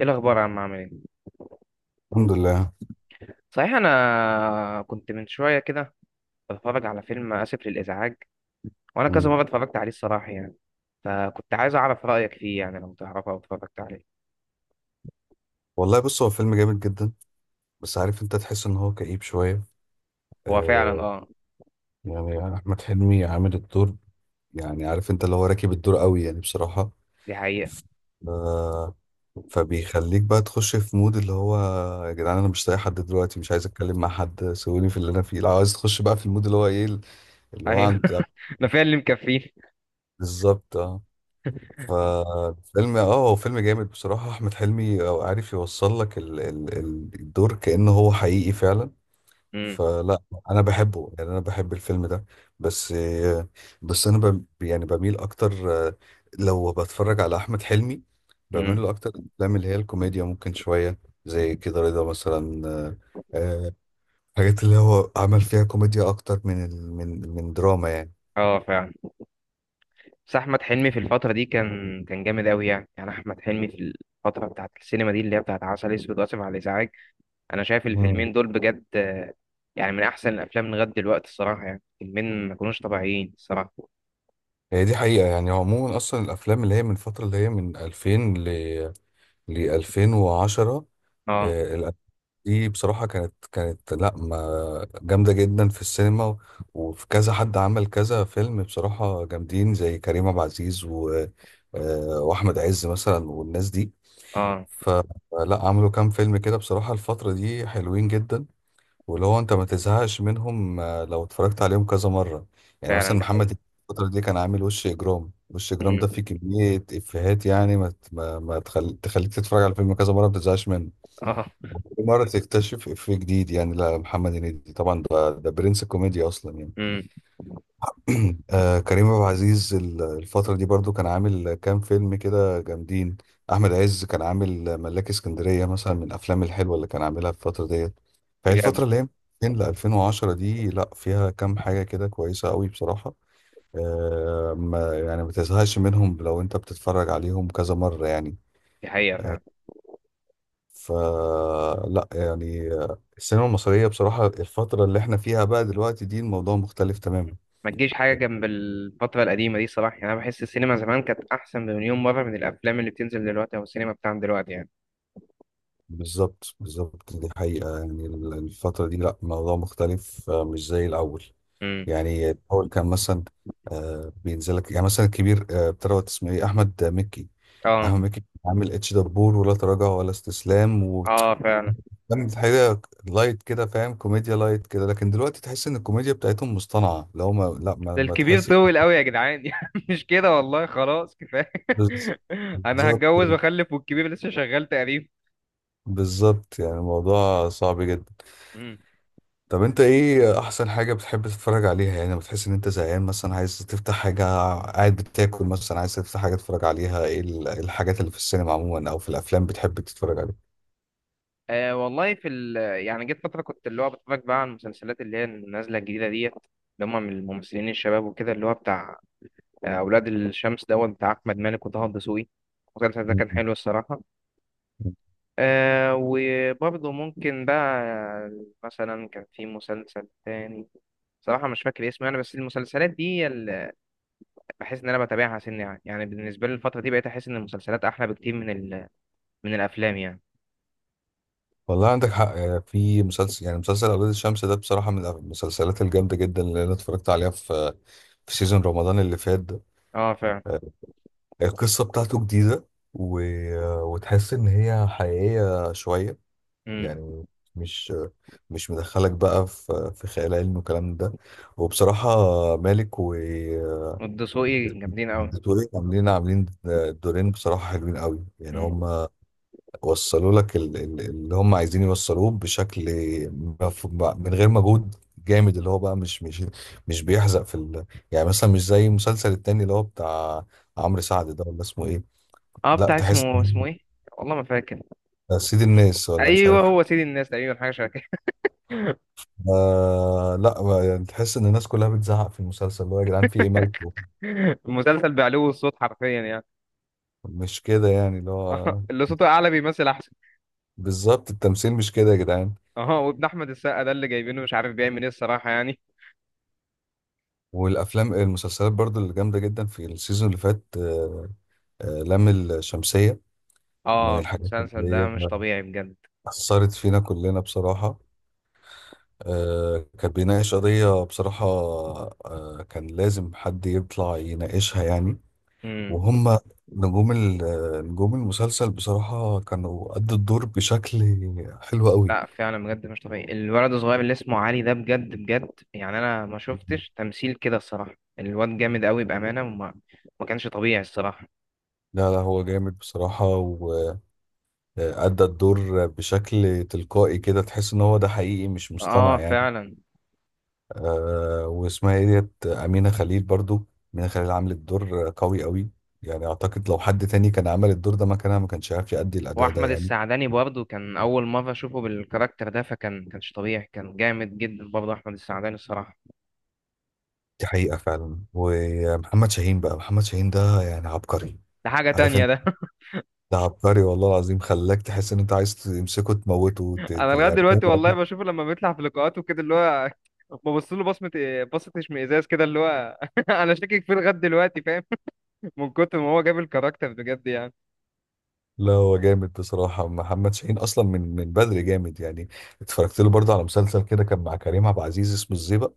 ايه الاخبار يا عم؟ عامل ايه؟ الحمد لله. صحيح، انا كنت من شويه كده بتفرج على فيلم اسف للازعاج، وانا كذا مم. مره اتفرجت عليه الصراحه يعني. فكنت عايز اعرف رايك فيه، يعني لو تعرفه او اتفرجت عليه. والله بص، هو فيلم جامد جدا. بس عارف، انت تحس ان هو كئيب شوية. هو فعلا، آه. اه. يعني احمد حلمي عامل الدور، يعني عارف انت، اللي هو راكب الدور قوي يعني بصراحة. دي حقيقه. آه. فبيخليك بقى تخش في مود اللي هو يا جدعان، انا مش لاقي حد دلوقتي، مش عايز اتكلم مع حد، سيبوني في اللي انا فيه. لو عايز تخش بقى في المود اللي هو ايه، اللي هو ايوه، عند. ده فعلا اللي مكفيه. بالظبط، اه. فالفيلم اه، هو فيلم جامد بصراحة. احمد حلمي عارف يوصل لك الدور كأنه هو حقيقي فعلا. امم. فلا، انا بحبه، يعني انا بحب الفيلم ده. بس بس انا يعني بميل اكتر، لو بتفرج على احمد حلمي، امم. بميل له اكتر الافلام اللي هي الكوميديا، ممكن شويه زي كده رضا مثلا. آه، حاجات اللي هو عمل فيها كوميديا اكتر من من دراما يعني. اه، فعلا. بس احمد حلمي في الفتره دي كان جامد قوي، يعني احمد حلمي في الفتره بتاعت السينما دي اللي هي بتاعت عسل اسود واسف على الازعاج. انا شايف امم الفيلمين دول بجد. يعني من احسن الافلام لغايه دلوقتي الصراحه، يعني فيلمين ما كانوش طبيعيين الصراحه. هي دي حقيقة. يعني عموما أصلا الأفلام اللي هي من فترة، اللي هي من 2000 ل ل 2010، اه، الأفلام دي بصراحة كانت لا ما جامدة جدا في السينما، وفي كذا حد عمل كذا فيلم بصراحة جامدين، زي كريم عبد العزيز و وأحمد عز مثلا، والناس دي. اه، فلا، عملوا كام فيلم كده بصراحة الفترة دي حلوين جدا، واللي هو أنت ما تزهقش منهم، آه، لو اتفرجت عليهم كذا مرة. يعني فعلا، مثلا ده حقيقي. محمد الفترة دي كان عامل وش إجرام. وش إجرام امم. ده فيه كمية إفيهات، يعني ما ت- ما ما تخليك تتفرج على الفيلم كذا مرة ما تزهقش منه، اه. كل مرة تكتشف إفيه جديد. يعني لا، محمد هنيدي طبعا ده برنس الكوميديا أصلا يعني. امم. آه، كريم عبد العزيز الفترة دي برضو كان عامل كام فيلم كده جامدين. أحمد عز كان عامل ملاك اسكندرية مثلا، من الأفلام الحلوة اللي كان عاملها في الفترة ديت. فهي بجد، الفترة اللي هي 2000 ل 2010 دي، لا فيها كام حاجة كده كويسة قوي بصراحة. آه، ما يعني ما تزهقش منهم لو أنت بتتفرج عليهم كذا مرة يعني. دي حقيقه فعلا. فلا، يعني السينما المصرية بصراحة، الفترة اللي احنا فيها بقى دلوقتي دي، الموضوع مختلف تماما. ما تجيش حاجه جنب الفتره القديمه دي صراحه، يعني انا بحس السينما زمان كانت احسن بمليون مره من الافلام اللي بتنزل دلوقتي او السينما بتاعنا دلوقتي يعني. بالظبط، دي حقيقة يعني. الفترة دي لا الموضوع مختلف، آه، مش زي الأول. امم. يعني الأول كان مثلا، بينزلك يعني مثلا الكبير، آه، بتروت اسمه ايه، أحمد مكي. اه، أحمد مكي كان عامل اتش دبور، ولا تراجع ولا استسلام، و اه، فعلا. كانت حاجة لايت كده فاهم، كوميديا لايت كده، لكن دلوقتي تحس ان الكوميديا بتاعتهم مصطنعة. لو ما لا ما, ده ما الكبير تحسش. طول قوي يا جدعان، يعني مش كده والله، خلاص كفايه. بز- انا بالظبط هتجوز واخلف والكبير لسه شغال تقريبا. بالظبط يعني الموضوع صعب جدا. طب انت ايه احسن حاجة بتحب تتفرج عليها، يعني لما بتحس ان انت زهقان مثلا عايز تفتح حاجة، قاعد بتاكل مثلا عايز تفتح حاجة تتفرج عليها، ايه إيه الحاجات اللي في السينما عموما او في الافلام بتحب تتفرج عليها؟ أه والله، في ال يعني جيت فترة كنت اللي هو بتفرج بقى على المسلسلات اللي هي النازلة الجديدة ديت، اللي هم من الممثلين الشباب وكده، اللي هو بتاع أولاد الشمس دوت بتاع أحمد مالك وطه الدسوقي. المسلسل ده كان م- حلو الصراحة. م. أه، وبرضه ممكن بقى مثلا كان في مسلسل تاني، صراحة مش فاكر اسمه يعني، بس المسلسلات دي هي اللي بحس إن أنا بتابعها سن يعني بالنسبة لي الفترة دي بقيت أحس إن المسلسلات أحلى بكتير من الأفلام يعني. والله عندك حق. يعني في مسلسل، يعني مسلسل اولاد الشمس ده بصراحة من المسلسلات الجامدة جدا اللي انا اتفرجت عليها في في سيزون رمضان اللي فات ده. اه، فعلا. آه، القصة بتاعته جديدة، و... وتحس ان هي حقيقية شوية. امم. يعني مش مش مدخلك بقى في في خيال علمي والكلام ده. وبصراحة، مالك و والدسوقي جامدين أوي. والدكتورين عاملين، دورين بصراحة حلوين قوي. يعني هم وصلوا لك اللي هم عايزين يوصلوه بشكل، مف- من غير مجهود جامد، اللي هو بقى مش بيحزق في يعني مثلا مش زي المسلسل التاني اللي هو بتاع عمرو سعد ده، ولا اسمه ايه؟ اه، لا بتاع تحس، اسمه ايه؟ والله ما فاكر. سيد الناس ولا مش ايوه، عارف. هو سيد الناس تقريبا، حاجه شبه كده. آه، لا بقى، يعني تحس ان الناس كلها بتزعق في المسلسل، اللي هو يا جدعان في ايه، مالكم؟ المسلسل بعلو الصوت حرفيا يعني. مش كده يعني، اللي اه، هو اللي صوته اعلى بيمثل احسن. بالظبط، التمثيل مش كده يا جدعان. اه، وابن احمد السقا ده اللي جايبينه مش عارف بيعمل ايه الصراحه يعني. والافلام، المسلسلات برضو اللي جامده جدا في السيزون اللي فات، آه آه، لام الشمسيه، من اه، الحاجات المسلسل اللي ده هي مش طبيعي بجد. اثرت فينا كلنا بصراحه. آه، كان بيناقش قضيه بصراحه، آه، كان لازم حد يطلع يناقشها يعني. امم. وهم نجوم نجوم المسلسل بصراحة كانوا أدوا الدور بشكل حلو قوي. لا، فعلا بجد مش طبيعي، الولد الصغير اللي اسمه علي ده، بجد بجد يعني انا ما شفتش تمثيل كده الصراحه، الواد جامد قوي بامانه، وما ما كانش طبيعي الصراحه. لا، هو جامد بصراحة. وأدى الدور بشكل تلقائي كده، تحس إن هو ده حقيقي مش مصطنع اه، يعني. فعلا. أه، واسمها إيه ديت، أمينة خليل برضو. أمينة خليل عملت دور قوي قوي، يعني أعتقد لو حد تاني كان عمل الدور ده مكانها ما كانش عارف يأدي الأداء ده واحمد يعني. السعداني برضه كان اول مره اشوفه بالكاركتر ده، كانش طبيعي، كان جامد جدا برضه احمد السعداني الصراحه. دي حقيقة فعلا. ومحمد شاهين بقى، محمد شاهين ده يعني عبقري. ده حاجه عارف، تانية ده. ده عبقري والله العظيم، خلاك تحس ان انت عايز تمسكه تموته. انا لغايه يعني فاهم دلوقتي والله قصدي؟ بشوفه لما بيطلع في لقاءاته كده اللي هو، ببص له بصه اشمئزاز كده اللي هو، انا شاكك فيه لغايه دلوقتي فاهم؟ من كتر ما هو جاب الكاركتر بجد يعني. لا هو جامد بصراحة. محمد شاهين أصلا من بدري جامد يعني. اتفرجت له برضه على مسلسل كده كان مع كريم عبد العزيز اسمه الزيبق،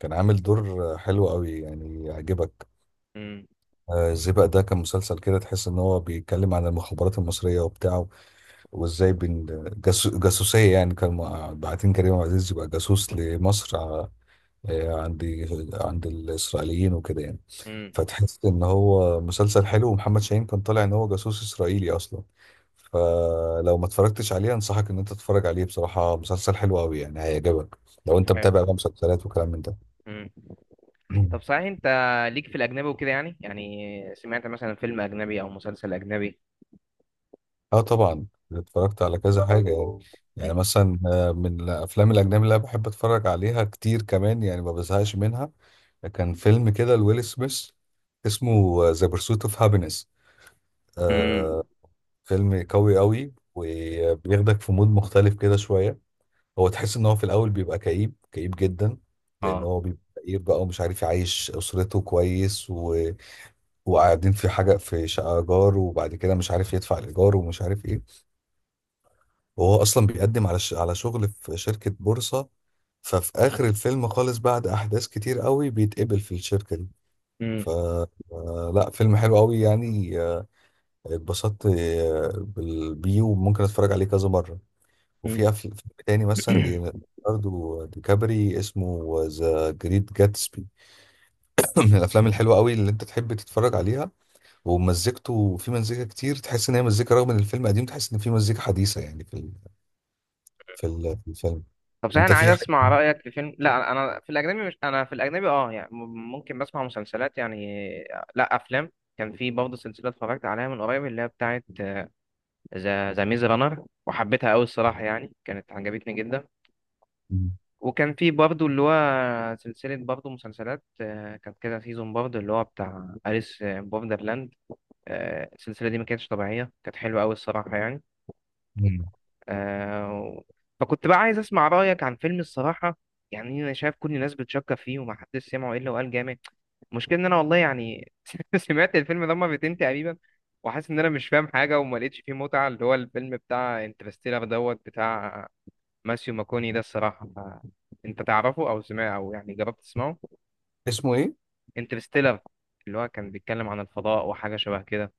كان عامل دور حلو قوي يعني، يعجبك. امم. آه، الزيبق ده كان مسلسل كده تحس ان هو بيتكلم عن المخابرات المصرية وبتاعه، وازاي بين جاسوسية يعني، كان باعتين كريم عبد العزيز يبقى جاسوس لمصر، عند، عند الإسرائيليين وكده يعني. امم. فتحس ان هو مسلسل حلو، ومحمد شاهين كان طالع ان هو جاسوس اسرائيلي اصلا. فلو ما اتفرجتش عليه، انصحك ان انت تتفرج عليه بصراحة، مسلسل حلو قوي يعني، هيعجبك، لو طب انت حلو. متابع بقى مسلسلات وكلام من ده. امم. طب صحيح، انت ليك في الاجنبي وكده يعني سمعت مثلا فيلم اجنبي او مسلسل اجنبي؟ اه طبعا، اتفرجت على كذا حاجة يعني. يعني مثلا، من الافلام الاجنبي اللي انا بحب اتفرج عليها كتير كمان، يعني ما بزهقش منها، كان فيلم كده لويل سميث اسمه ذا بيرسوت اوف هابينس. امم. فيلم قوي قوي، وبياخدك في مود مختلف كده شوية. هو تحس ان هو في الاول بيبقى كئيب جدا، اه. لان هو بيبقى كئيب بقى ومش عارف يعيش اسرته كويس، وقاعدين في حاجه، في شقه ايجار، وبعد كده مش عارف يدفع الايجار ومش عارف ايه، وهو اصلا بيقدم على على شغل في شركه بورصه. ففي اخر الفيلم خالص بعد احداث كتير قوي بيتقبل في الشركه دي. ف آه، لا فيلم حلو قوي يعني، آه، اتبسطت، آه، بيه، وممكن اتفرج عليه كذا مره. وفي امم. فيلم تاني مثلا ليوناردو دي كابري اسمه ذا جريت جاتسبي، من الافلام الحلوه قوي اللي انت تحب تتفرج عليها. ومزيكته، في مزيكا كتير تحس ان هي مزيكا، رغم ان الفيلم قديم تحس ان في مزيكا حديثه يعني في في الفيلم. طب صحيح، انت انا عايز في حاجه؟ اسمع رايك في فيلم. لا، انا في الاجنبي، مش انا في الاجنبي اه يعني، ممكن بسمع مسلسلات يعني. لا، افلام. كان في برضه سلسله اتفرجت عليها من قريب اللي هي بتاعه ذا ميز رانر، وحبيتها قوي الصراحه، يعني كانت عجبتني جدا. وكان في برضه اللي هو سلسله برضه مسلسلات كانت كده سيزون، برضه اللي هو بتاع أليس بوردرلاند. السلسله دي ما كانتش طبيعيه، كانت حلوه قوي الصراحه يعني. مم. آه، فكنت بقى عايز اسمع رايك عن فيلم الصراحه، يعني انا شايف كل الناس بتشكر فيه، وما حدش سمعه الا وقال جامد. المشكله ان انا والله يعني، سمعت الفيلم ده مرتين تقريبا وحاسس ان انا مش فاهم حاجه وما لقيتش فيه متعه، اللي هو الفيلم بتاع انترستيلر دوت بتاع ماسيو ماكوني ده الصراحه، انت تعرفه او سمعه او يعني جربت تسمعه؟ اسمه ايه؟ انترستيلر، اللي هو كان بيتكلم عن الفضاء وحاجه شبه كده.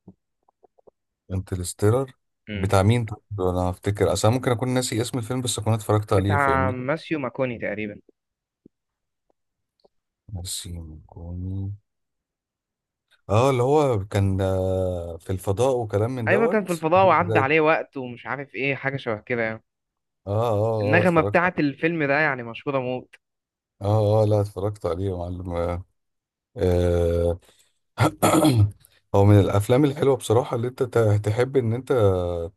انترستيلر. مم. بتاع مين طب؟ انا هفتكر اصلا، ممكن اكون ناسي اسم الفيلم بس اكون اتفرجت عليه بتاع فاهمني. ماسيو ماكوني تقريبا. ناسي كوني، اه اللي هو كان، آه، في الفضاء وكلام من ايوه، كان في دوت. الفضاء وعدى عليه وقت ومش عارف ايه، حاجه شبه كده يعني. اه اه اه النغمة اتفرجت. بتاعت الفيلم ده يعني مشهورة موت. اه لا، اتفرجت عليه يا معلم. آه، هو من الافلام الحلوه بصراحه اللي انت تحب ان انت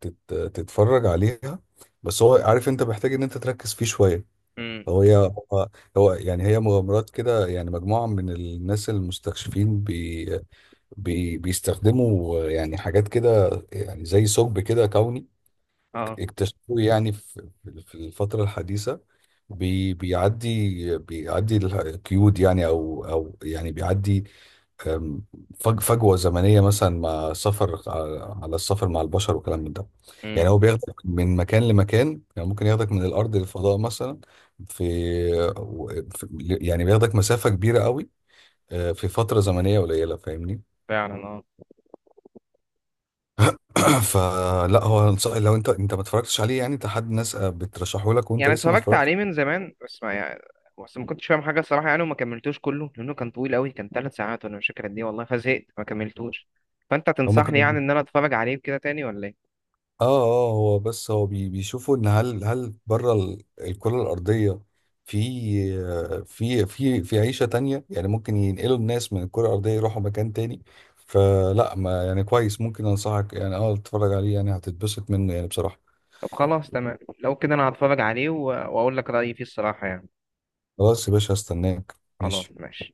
تتفرج عليها، بس هو عارف انت محتاج ان انت تركز فيه شويه. امم. هو هي هو هو يعني هي مغامرات كده يعني، مجموعه من الناس المستكشفين، بي بي بيستخدموا يعني حاجات كده يعني زي ثقب كده كوني اه. اكتشفوه يعني، في في الفتره الحديثه، بي بيعدي بيعدي القيود يعني، او يعني بيعدي، أم، فجوه زمنيه مثلا، مع سفر على السفر مع البشر وكلام من ده. يعني امم. هو بياخدك من مكان لمكان، يعني ممكن ياخدك من الارض للفضاء مثلا، في و- في- يعني بياخدك مسافه كبيره قوي، أه، في فتره زمنيه قليله فاهمني. فعلا اه. فلا، هو لو انت، انت ما اتفرجتش عليه يعني، انت حد ناس، آه، بترشحه لك وانت يعني لسه ما اتفرجت اتفرجت. عليه من زمان، بس ما كنتش فاهم حاجة الصراحة يعني، وما كملتوش كله لأنه كان طويل أوي، كان 3 ساعات وأنا مش فاكر قد إيه والله، فزهقت ما كملتوش. فأنت هما تنصحني كانوا، يعني إن أنا أتفرج عليه كده تاني ولا إيه؟ اه هو بس هو بيشوفوا ان هل بره الكرة الأرضية في في عيشة تانية، يعني ممكن ينقلوا الناس من الكرة الأرضية يروحوا مكان تاني. فلا ما يعني كويس، ممكن أنصحك يعني اه تتفرج عليه، يعني هتتبسط منه يعني بصراحة. طب خلاص تمام، لو كده أنا هتفرج عليه وأقول لك رأيي فيه الصراحة يعني. خلاص يا باشا، هستناك. خلاص ماشي. ماشي.